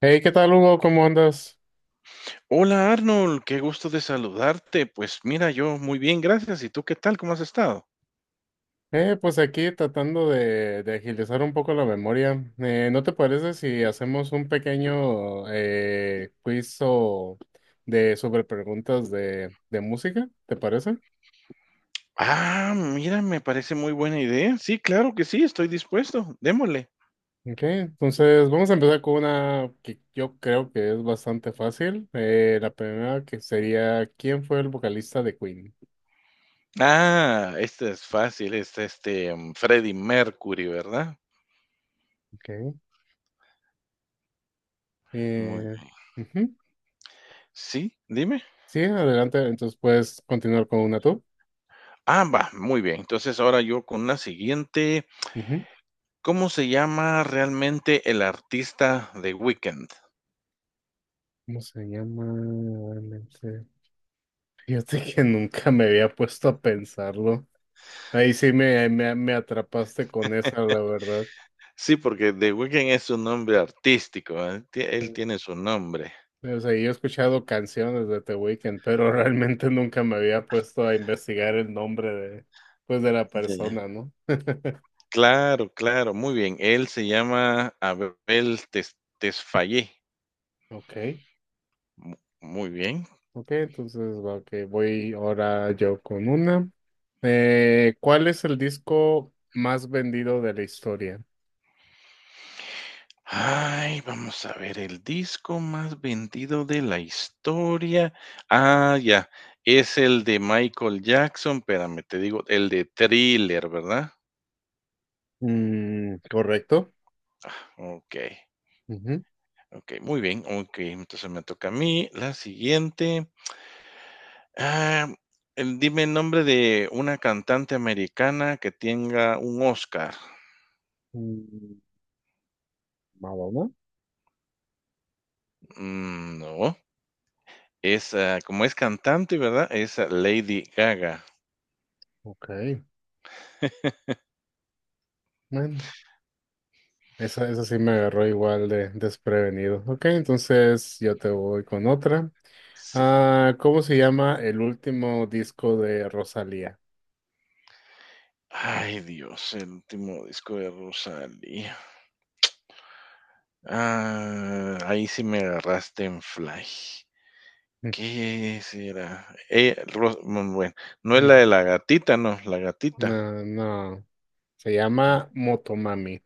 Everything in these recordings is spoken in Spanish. Hey, ¿qué tal, Hugo? ¿Cómo andas? Hola Arnold, qué gusto de saludarte. Pues mira, yo muy bien, gracias. ¿Y tú qué tal? ¿Cómo has estado? Pues aquí tratando de agilizar un poco la memoria. ¿No te parece si hacemos un pequeño quiz o de sobre preguntas de música? ¿Te parece? Ah, mira, me parece muy buena idea. Sí, claro que sí, estoy dispuesto. Démosle. Ok, entonces vamos a empezar con una que yo creo que es bastante fácil. La primera que sería, ¿quién fue el vocalista de Queen? Ah, este es fácil, Freddie Mercury, ¿verdad? Ok. Muy Eh, bien. Ujú. Sí, dime. Sí, adelante. Entonces puedes continuar con una tú. Ah, va, muy bien. Entonces ahora yo con la siguiente. ¿Cómo se llama realmente el artista de Weekend? ¿Cómo se llama realmente? Fíjate que nunca me había puesto a pensarlo. Ahí sí me atrapaste con esa, la verdad. Sí, porque The Weeknd es su nombre artístico, ¿eh? Sí. Él tiene su nombre. O sea, yo he escuchado canciones de The Weeknd, pero realmente nunca me había puesto a investigar el nombre pues, de la persona, ¿no? Claro, claro, muy bien. Él se llama Abel Tesfaye. Ok, Mu muy bien. ok, entonces, ok, voy ahora yo con una. ¿Cuál es el disco más vendido de la historia? Ay, vamos a ver el disco más vendido de la historia. Ah, ya, es el de Michael Jackson, espérame, te digo, el de Thriller, ¿verdad? Mm, correcto. Okey, okey, muy bien, okey, entonces me toca a mí. La siguiente, ah, dime el nombre de una cantante americana que tenga un Oscar. Ujú. Más uno. Mm, no. Es, ah, como es cantante, ¿verdad? Es ah, Lady Gaga. Ok, bueno, esa sí me agarró igual de desprevenido. Ok, entonces yo te voy con otra. Sí. Ah, ¿cómo se llama el último disco de Rosalía? Ay, Dios, el último disco de Rosalía. Ah, ahí sí me agarraste en fly. Mm, ¿Qué será? Bueno, no es la mm, de la gatita, no, la gatita. No, no, se llama Motomami.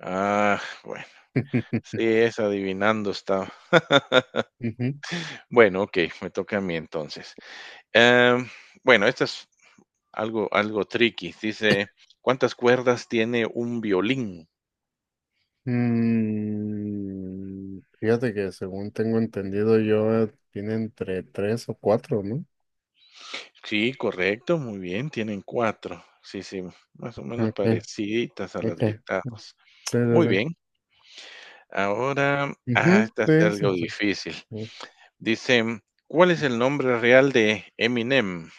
Ah, bueno, sí, es adivinando está. Ujú. Bueno, ok, me toca a mí entonces. Em, bueno, esto es algo tricky. Dice, ¿cuántas cuerdas tiene un violín? Mm, fíjate que según tengo entendido yo, tiene entre tres o cuatro, ¿no? Sí, correcto, muy bien, tienen 4. Sí, sí, más o menos Ok, pareciditas a las ok. guitarras. Sí, sí, Muy bien, sí. ahora, ah, Ujú, esta está sí, sí, algo sí. difícil. Dice, ¿cuál es el nombre real de Eminem?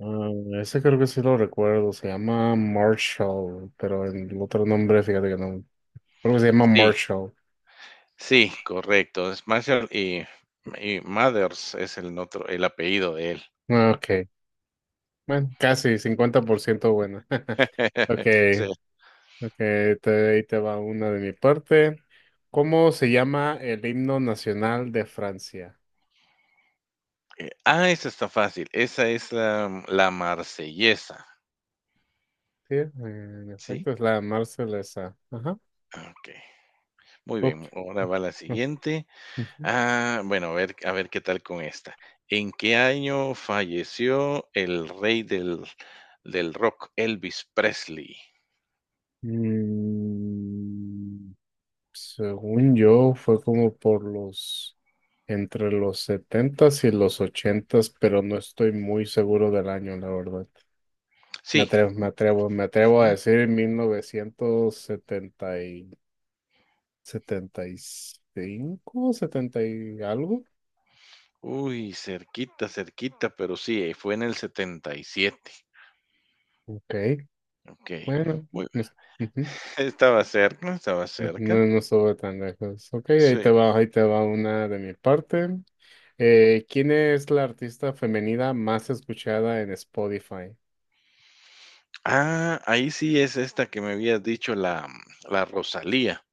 Ah, ese creo que sí lo recuerdo, se llama Marshall, pero el otro nombre, fíjate que no, creo que se llama Sí, Marshall. sí, correcto, es Marshall y Mathers es el otro el apellido de él. Ah, ok, bueno, casi 50% buena. Ok, Sí. ok, ahí te va una de mi parte. ¿Cómo se llama el himno nacional de Francia? Ah, esa está fácil, esa es la Marsellesa, Sí, en ¿sí? efecto es la Marsellesa. Ajá. Ah, okey. Muy Ok, bien, ahora va la ok, siguiente. ok. Ujú. Ah, bueno, a ver qué tal con esta. ¿En qué año falleció el rey del rock, Elvis Presley? Mm, según yo, fue como entre los 70 y los 80, pero no estoy muy seguro del año, la verdad. Sí. Me atrevo a Ujú. decir mil novecientos 75, 70 y algo. Uy, cerquita, cerquita, pero sí, fue en el 77. Ok, Ok. bueno, Muy, no, ujú, estaba cerca, estaba no, cerca. no, no estuve tan lejos. Ok, Sí. Ahí te va una de mi parte. ¿Quién es la artista femenina más escuchada en Spotify? Ah, ahí sí es esta que me habías dicho, la Rosalía.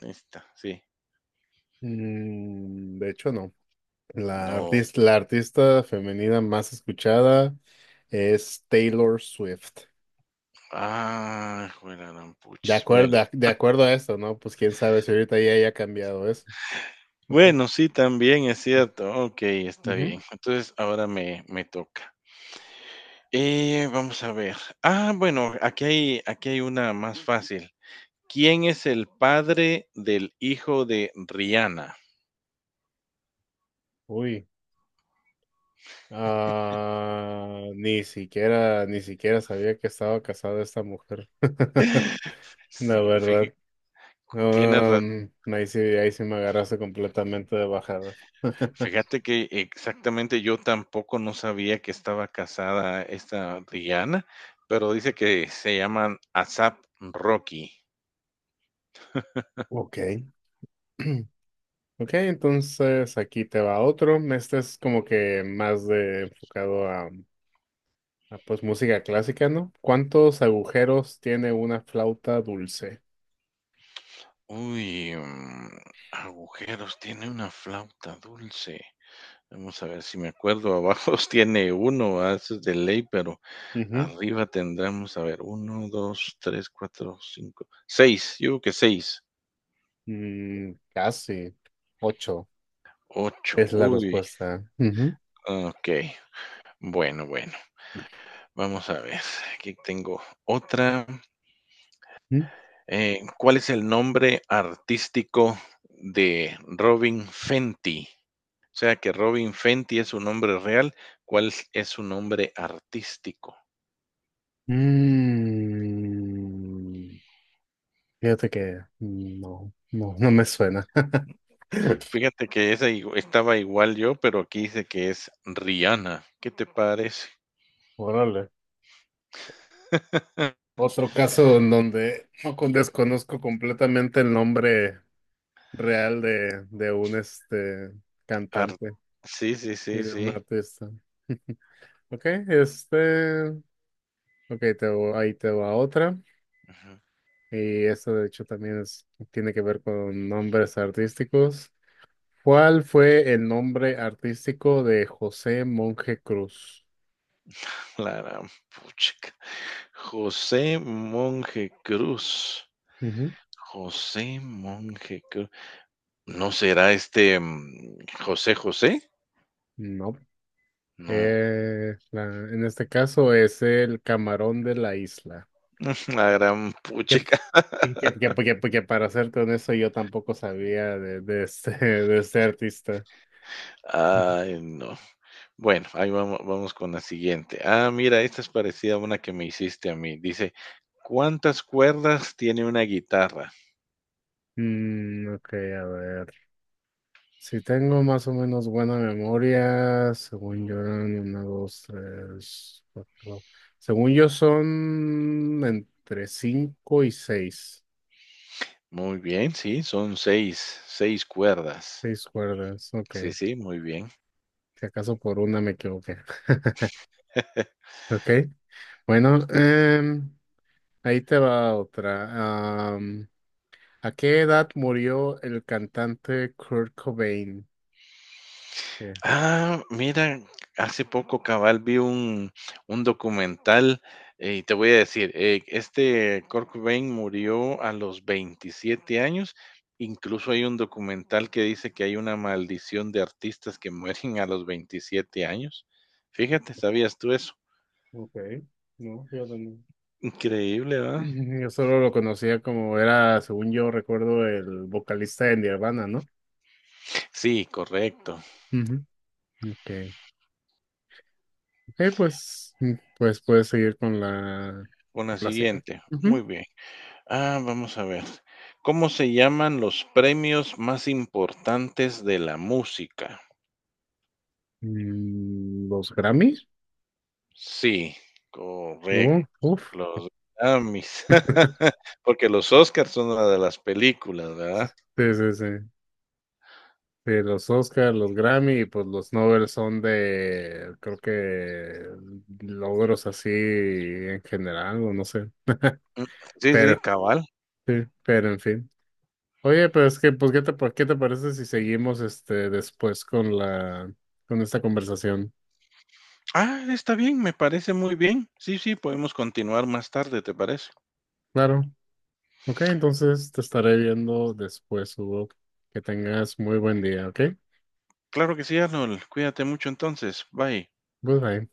Esta, sí. Mm, de hecho, no. La No. artista, la artista femenina más escuchada es Taylor Swift. Ah, juela. De acuerdo, de acuerdo a esto, ¿no? Pues quién sabe si ahorita ya haya cambiado eso. Ok. Bueno, sí, también es cierto. Ok, está Ujú. bien. Entonces ahora me toca. Vamos a ver. Ah, bueno, aquí hay una más fácil. ¿Quién es el padre del hijo de Rihanna? Uy. Ah, ni siquiera sabía que estaba casada esta mujer. La Sí, verdad. tienes razón. Ahí sí me agarraste completamente de bajada. Fíjate que exactamente yo tampoco no sabía que estaba casada esta Rihanna, pero dice que se llaman ASAP Rocky. Ok. Ok, entonces aquí te va otro. Este es como que más de enfocado pues música clásica, ¿no? ¿Cuántos agujeros tiene una flauta dulce? Uy, mm, agujeros, tiene una flauta dulce. Vamos a ver si me acuerdo. Abajo tiene uno, ah, eso es de ley, pero Ujú. arriba tendremos, a ver, uno, dos, tres, cuatro, cinco, seis. Yo creo que seis, Mm, casi. Ocho ocho. es la Uy, respuesta. Ujú. ok. Bueno, bueno, vamos a ver. Aquí tengo otra. Ujú. ¿Cuál es el nombre artístico de Robin Fenty? O sea que Robin Fenty es su nombre real, ¿cuál es su nombre artístico? Mm, fíjate que no, no, no me suena. Fíjate que esa igu estaba igual yo, pero aquí dice que es Rihanna, ¿qué te parece? Órale. Otro caso en donde no con- desconozco completamente el nombre real de un Ar cantante sí, sí, sí, y de sí. un artista. Ok, ok, ahí te va otra. Ujú. Y esto de hecho también tiene que ver con nombres artísticos. ¿Cuál fue el nombre artístico de José Monje Cruz? La gran puchica. José Monje Cruz, Ujú. José Monje Cruz, ¿no será este, mm, José José? No. No, En este caso es el camarón de la isla. la gran puchica. Y que para ser con eso yo tampoco sabía de este, de este artista. Ujú. Ay, no. Bueno, ahí vamos, vamos con la siguiente. Ah, mira, esta es parecida a una que me hiciste a mí. Dice, ¿cuántas cuerdas tiene una guitarra? Mm, ok, a ver. Si tengo más o menos buena memoria, según yo eran una, dos, tres, cuatro. Según yo son entre cinco y seis. Muy bien, sí, son 6, 6 cuerdas. Seis cuerdas, Sí, ok. sí, muy bien. Si acaso por una me equivoqué. Ok. Bueno, ahí te va otra. ¿A qué edad murió el cantante Kurt Cobain? Eh, Ah, mira, hace poco cabal vi un documental y te voy a decir, este Kurt Cobain murió a los 27 años. Incluso hay un documental que dice que hay una maldición de artistas que mueren a los 27 años. Fíjate, ¿sabías tú eso? Ok, no, yo también. Increíble, ¿verdad? Yo solo lo conocía como era, según yo recuerdo, el vocalista de Nirvana, ¿no? Sí, correcto. Ujú. Okay. Ok, pues puedes seguir con la, Con la la siguiente. siguiente. Ujú. Muy bien. Ah, vamos a ver. ¿Cómo se llaman los premios más importantes de la música? Mm, ¿los Grammys? Sí, correcto. No, uff. Los Grammys. Porque los Óscars son una de las películas, ¿verdad? Sí, sí, sí. Sí, los Oscars, los Grammy y pues los Nobel son creo que logros así en general, o no sé. Sí, sí, Pero, cabal. sí, pero en fin. Oye, pero es que, pues, qué te parece si seguimos después con con esta conversación? Ah, está bien, me parece muy bien. Sí, sí, podemos continuar más tarde, ¿te parece? Claro. Ok, entonces te estaré viendo después, Hugo. Que tengas muy buen día, ¿ok? Claro que sí, Arnold. Cuídate mucho entonces. Bye. Goodbye.